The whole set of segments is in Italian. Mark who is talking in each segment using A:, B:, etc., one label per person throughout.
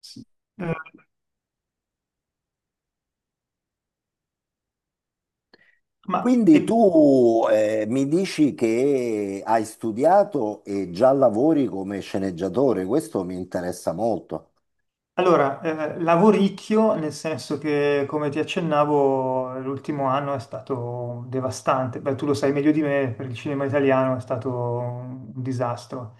A: Sì. Eh, ma e-
B: Quindi tu mi dici che hai studiato e già lavori come sceneggiatore, questo mi interessa molto.
A: allora, lavoricchio, nel senso che, come ti accennavo, l'ultimo anno è stato devastante. Beh, tu lo sai meglio di me, per il cinema italiano è stato un disastro.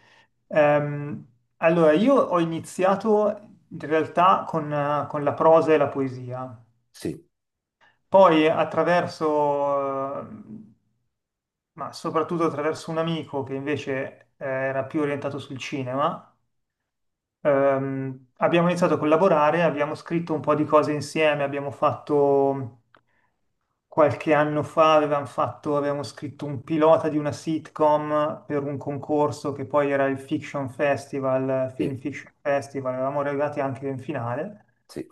A: Ehm, allora, io ho iniziato in realtà con la prosa e la poesia,
B: Sì,
A: poi attraverso, ma soprattutto attraverso un amico che invece era più orientato sul cinema. Abbiamo iniziato a collaborare, abbiamo scritto un po' di cose insieme, abbiamo fatto qualche anno fa, avevamo scritto un pilota di una sitcom per un concorso che poi era il Fiction Festival,
B: sì,
A: Film Fiction Festival, eravamo arrivati anche in finale.
B: sì,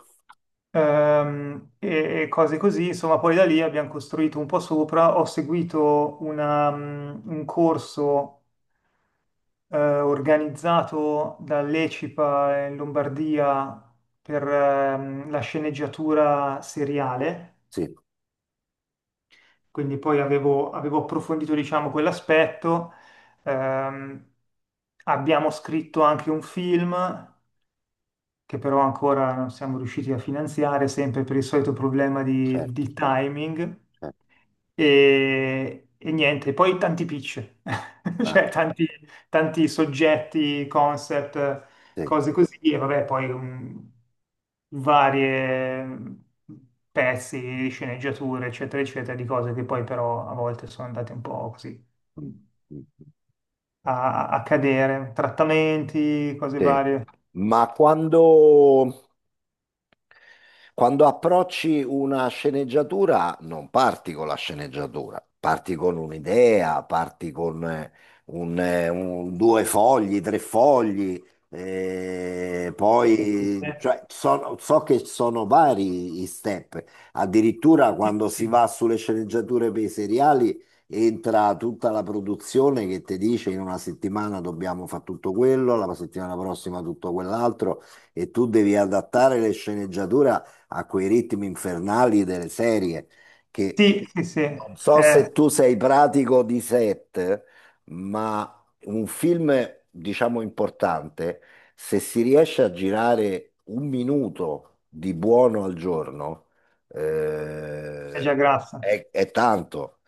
A: E cose così, insomma, poi da lì abbiamo costruito un po' sopra. Ho seguito un corso organizzato dall'ECIPA in Lombardia per la sceneggiatura seriale,
B: sì,
A: quindi poi avevo approfondito, diciamo, quell'aspetto. Ehm, abbiamo scritto anche un film che però ancora non siamo riusciti a finanziare, sempre per il solito problema di,
B: certo,
A: di timing.
B: certo.
A: E niente, poi tanti pitch,
B: Ah,
A: cioè tanti, tanti soggetti, concept,
B: sì.
A: cose così, e vabbè, poi varie pezzi, sceneggiature, eccetera, eccetera, di cose che poi però a volte sono andate un po' così
B: Mm, mm, mm.
A: a cadere, trattamenti, cose
B: Sì.
A: varie.
B: Ma quando, Quando approcci una sceneggiatura, non parti con la sceneggiatura, parti con un'idea, parti con due fogli, tre fogli,
A: Sì,
B: poi cioè, so che sono vari i step. Addirittura
A: sì.
B: quando si
A: Sì.
B: va sulle sceneggiature per i seriali, entra tutta la produzione che ti dice in una settimana dobbiamo fare tutto quello, la settimana prossima tutto quell'altro, e tu devi adattare le sceneggiature a quei ritmi infernali delle serie che,
A: Sì, sì, sì,
B: non so
A: è
B: se tu sei pratico di set, ma un film, diciamo, importante, se si riesce a girare un minuto di buono al giorno,
A: già
B: eh,
A: grassa.
B: è tanto.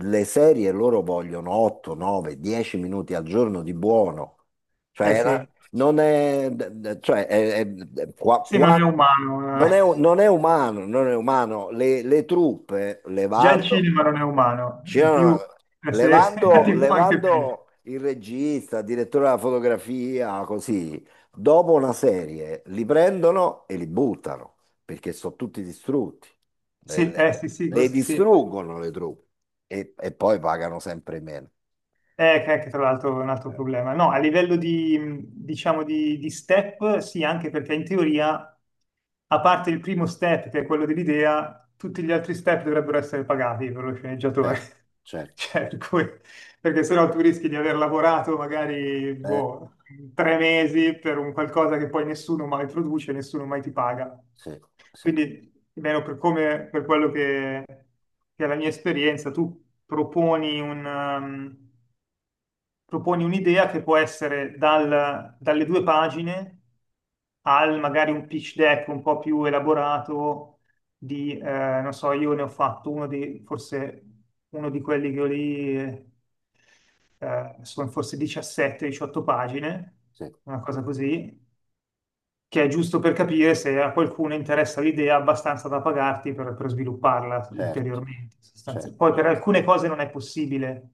B: Le serie loro vogliono 8, 9, 10 minuti al giorno di buono.
A: Eh
B: Cioè,
A: sì,
B: non è, cioè,
A: sì, non è umano.
B: non
A: Eh.
B: è, non è umano, non è umano. Le truppe,
A: Già il cinema non è umano, in
B: c'erano-
A: più la serie la
B: levando,
A: TV anche più.
B: levando il regista, il direttore della fotografia, così, dopo una serie li prendono e li buttano, perché sono tutti distrutti. Le,
A: Sì,
B: le-
A: sì, sì,
B: le
A: questo sì.
B: distruggono le truppe e poi pagano sempre meno.
A: Che anche tra l'altro è un altro
B: Eh,
A: problema. No, a livello di, diciamo, di step, sì, anche perché in teoria, a parte il primo step, che è quello dell'idea, tutti gli altri step dovrebbero essere pagati per lo sceneggiatore.
B: certo, certo.
A: Cioè, perché sennò tu rischi di aver lavorato magari,
B: Eh,
A: boh, 3 mesi per un qualcosa che poi nessuno mai produce, nessuno mai ti paga.
B: sì, sì,
A: Quindi, almeno per come, per quello che è la mia esperienza, tu proponi un, um, proponi un'idea che può essere dalle due pagine al magari un pitch deck un po' più elaborato di, non so, io ne ho fatto uno di, forse uno di quelli che ho lì, sono forse 17-18 pagine,
B: sì.
A: una cosa così, che è giusto per capire se a qualcuno interessa l'idea abbastanza da pagarti per svilupparla
B: Certo,
A: ulteriormente. Sostanzialmente.
B: certo.
A: Poi per alcune cose non è possibile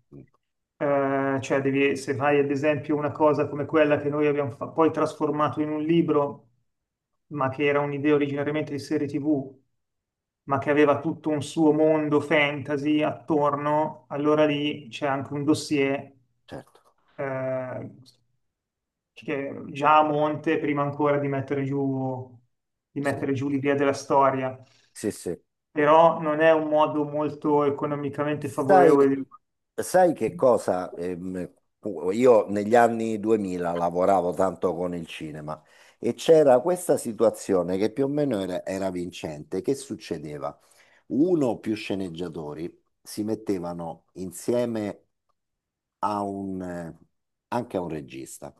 A: cioè, devi, se fai ad esempio una cosa come quella che noi abbiamo poi trasformato in un libro, ma che era un'idea originariamente di serie TV, ma che aveva tutto un suo mondo fantasy attorno, allora lì c'è anche un dossier
B: Certo,
A: eh, che già a monte, prima ancora di mettere giù,
B: sì,
A: l'idea della storia,
B: sì, sì.
A: però non è un modo molto economicamente
B: Sai,
A: favorevole di...
B: sai che cosa? Io negli anni 2000 lavoravo tanto con il cinema e c'era questa situazione che più o meno era vincente. Che succedeva? Uno o più sceneggiatori si mettevano insieme a un, eh, anche a un regista,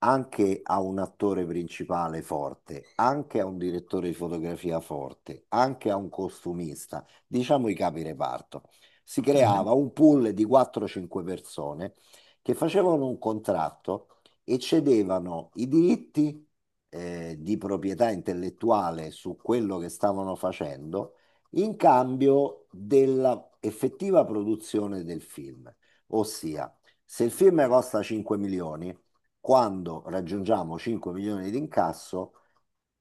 B: anche a un attore principale forte, anche a un direttore di fotografia forte, anche a un costumista, diciamo i capi reparto. Si
A: Mhm.
B: creava un pool di 4-5 persone che facevano un contratto e cedevano i diritti di proprietà intellettuale su quello che stavano facendo, in cambio della effettiva produzione del film. Ossia, se il film costa 5 milioni, quando raggiungiamo 5 milioni di incasso,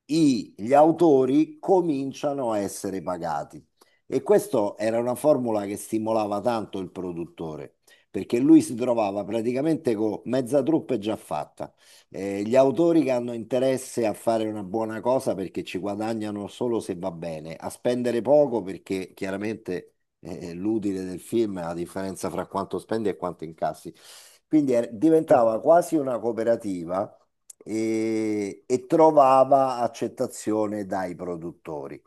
B: gli autori cominciano a essere pagati. E questa era una formula che stimolava tanto il produttore, perché lui si trovava praticamente con mezza truppa già fatta. Gli autori che hanno interesse a fare una buona cosa perché ci guadagnano solo se va bene, a spendere poco perché chiaramente l'utile del film è la differenza fra quanto spendi e quanto incassi. Quindi diventava quasi una cooperativa e trovava accettazione dai produttori.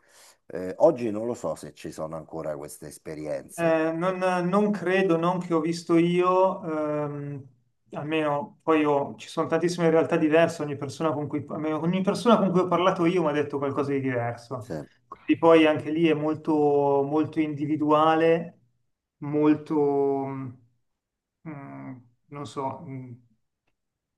B: Oggi non lo so se ci sono ancora queste esperienze.
A: Non credo, non che ho visto io, ehm, almeno poi ci sono tantissime realtà diverse, ogni persona con cui, almeno ogni persona con cui ho parlato io mi ha detto qualcosa di
B: Sì.
A: diverso. Quindi poi anche lì è molto, molto individuale, molto, mm, mm, non so,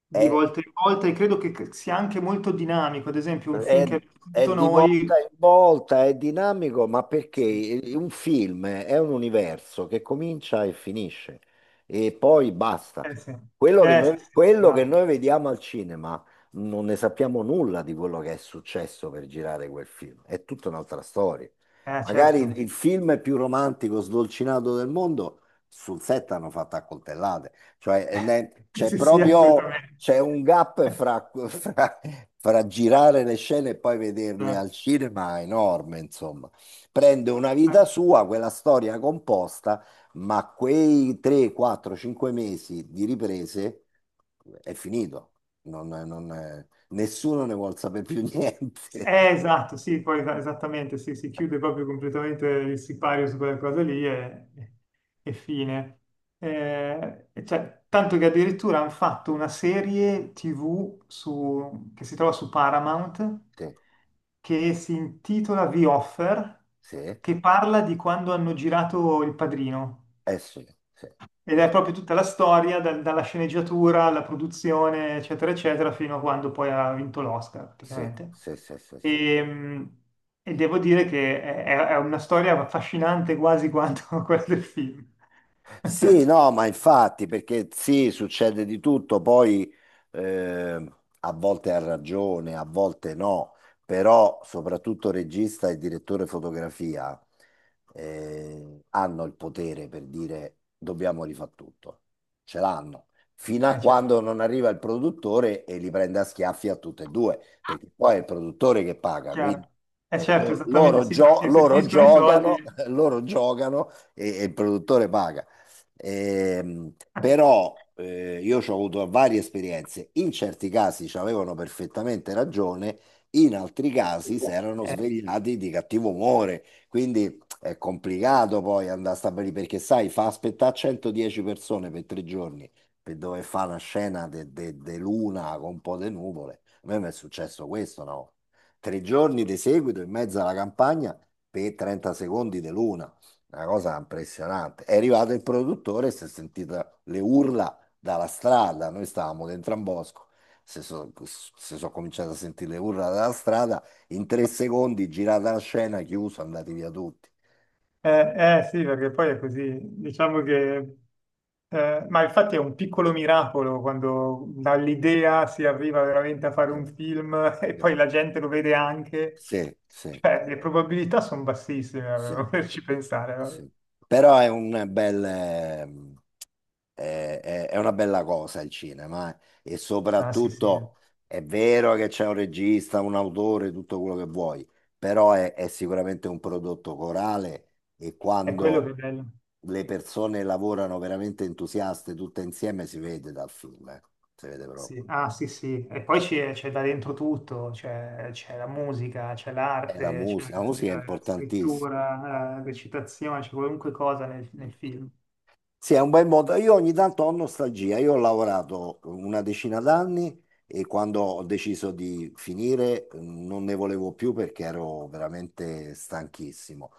A: di
B: È
A: volta in volta e credo che sia anche molto dinamico. Ad esempio, un film
B: È,
A: che abbiamo
B: è
A: visto
B: di volta
A: noi...
B: in volta, è dinamico, ma
A: Sì,
B: perché un film è un universo che comincia e finisce e poi basta.
A: eh sì,
B: Quello che
A: eh sì,
B: noi,
A: sì,
B: quello che
A: esatto.
B: noi vediamo al cinema, non ne sappiamo nulla di quello che è successo per girare quel film, è tutta un'altra storia. Magari il,
A: Certo.
B: il film più romantico, sdolcinato del mondo, sul set hanno fatto accoltellate. Cioè, c'è
A: Sì, sì,
B: proprio,
A: assolutamente.
B: c'è un gap fra, fra girare le scene e poi vederle
A: Eh,
B: al cinema, enorme, insomma. Prende una vita sua, quella storia composta, ma quei 3, 4, 5 mesi di riprese è finito. Nessuno ne vuol sapere più
A: sì,
B: niente.
A: esatto, sì, poi esattamente, sì, si chiude proprio completamente il sipario su quella cosa lì e fine. E cioè, tanto che addirittura hanno fatto una serie TV che si trova su Paramount,
B: Sì,
A: che si intitola The Offer,
B: sì,
A: che parla di quando hanno girato Il Padrino.
B: eh sì, sì,
A: Ed
B: sì,
A: è
B: sì,
A: proprio tutta la storia, dalla sceneggiatura alla produzione, eccetera, eccetera, fino a quando poi ha vinto l'Oscar,
B: sì,
A: praticamente.
B: sì, sì, sì.
A: E, mh, e devo dire che è una storia affascinante quasi quanto quella del film.
B: Sì, no, ma infatti, perché sì, succede di tutto, poi eh, a volte ha ragione, a volte no, però soprattutto regista e direttore fotografia hanno il potere per dire dobbiamo rifare tutto, ce l'hanno, fino a
A: Certo,
B: quando non arriva il produttore e li prende a schiaffi a tutte e due, perché poi è il produttore che paga,
A: chiaro.
B: quindi
A: Certo, esattamente, sì, perché se
B: loro
A: finiscono i
B: giocano,
A: soldi...
B: loro giocano e il produttore paga. Ehm, Però io ci ho avuto varie esperienze. In certi casi ci avevano perfettamente ragione, in altri casi si erano
A: Eh,
B: svegliati di cattivo umore. Quindi è complicato poi andare a stabilire perché, sai, fa aspettare 110 persone per 3 giorni per dove fa una scena di luna con un po' di nuvole. A me mi è successo questo, no? 3 giorni di seguito in mezzo alla campagna per 30 secondi di luna. Una cosa impressionante. È arrivato il produttore e si è sentita le urla dalla strada. Noi stavamo dentro a un bosco. Si sono cominciato a sentire le urla dalla strada. In 3 secondi, girata la scena, chiuso, andati via tutti.
A: eh, sì, perché poi è così. Diciamo che, ma infatti è un piccolo miracolo quando dall'idea si arriva veramente a fare
B: Sì,
A: un film e
B: sì,
A: poi la gente lo vede anche.
B: sì, sì,
A: Cioè, le probabilità sono bassissime,
B: sì,
A: poterci pensare. Vabbè.
B: sì. Però è un bel, è una bella cosa il cinema, eh. E
A: Ah, sì, sì,
B: soprattutto è vero che c'è un regista, un autore, tutto quello che vuoi, però è sicuramente un prodotto corale, e
A: è quello
B: quando
A: che è bello.
B: le persone lavorano veramente entusiaste tutte insieme si vede dal film, eh. Si vede
A: Sì.
B: proprio.
A: Ah, sì, sì. E poi c'è da dentro tutto, c'è la musica, c'è
B: E
A: l'arte, c'è
B: la musica è
A: la
B: importantissima.
A: scrittura, la recitazione, c'è qualunque cosa nel film.
B: Sì, è un bel modo. Io ogni tanto ho nostalgia. Io ho lavorato una decina d'anni e quando ho deciso di finire non ne volevo più perché ero veramente stanchissimo.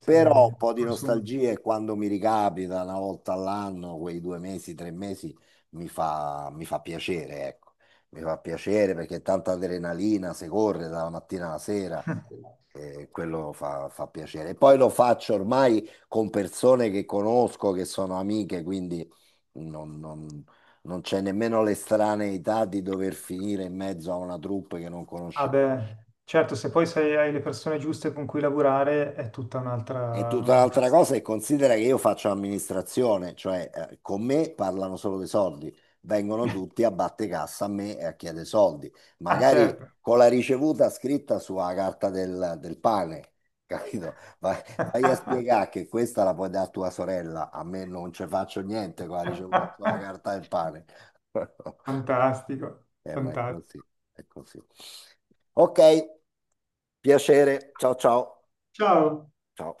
A: Sì,
B: Però un po' di
A: consumo.
B: nostalgia, e quando mi ricapita una volta all'anno, quei 2 mesi, 3 mesi, mi fa piacere, ecco. Mi fa piacere perché è tanta adrenalina, si corre dalla mattina alla sera. E quello fa piacere. Poi lo faccio ormai con persone che conosco, che sono amiche, quindi non, non- non c'è nemmeno l'estraneità di dover finire in mezzo a una troupe che non
A: Ah
B: conosce.
A: beh, certo, se poi hai le persone giuste con cui lavorare è tutta
B: È
A: un'altra...
B: tutta
A: un'altra...
B: un'altra cosa,
A: storia.
B: e considera che io faccio amministrazione, cioè con me parlano solo dei soldi, vengono tutti a batte cassa a me e a chiedere soldi,
A: Ah,
B: magari
A: certo.
B: con la ricevuta scritta sulla carta del pane, capito? Vai, vai a spiegare che questa la puoi dare a tua sorella, a me non ci faccio niente con la ricevuta sulla carta del pane.
A: Fantastico,
B: Ma è così,
A: fantastico.
B: è così. Ok, piacere, ciao ciao,
A: Ciao.
B: ciao.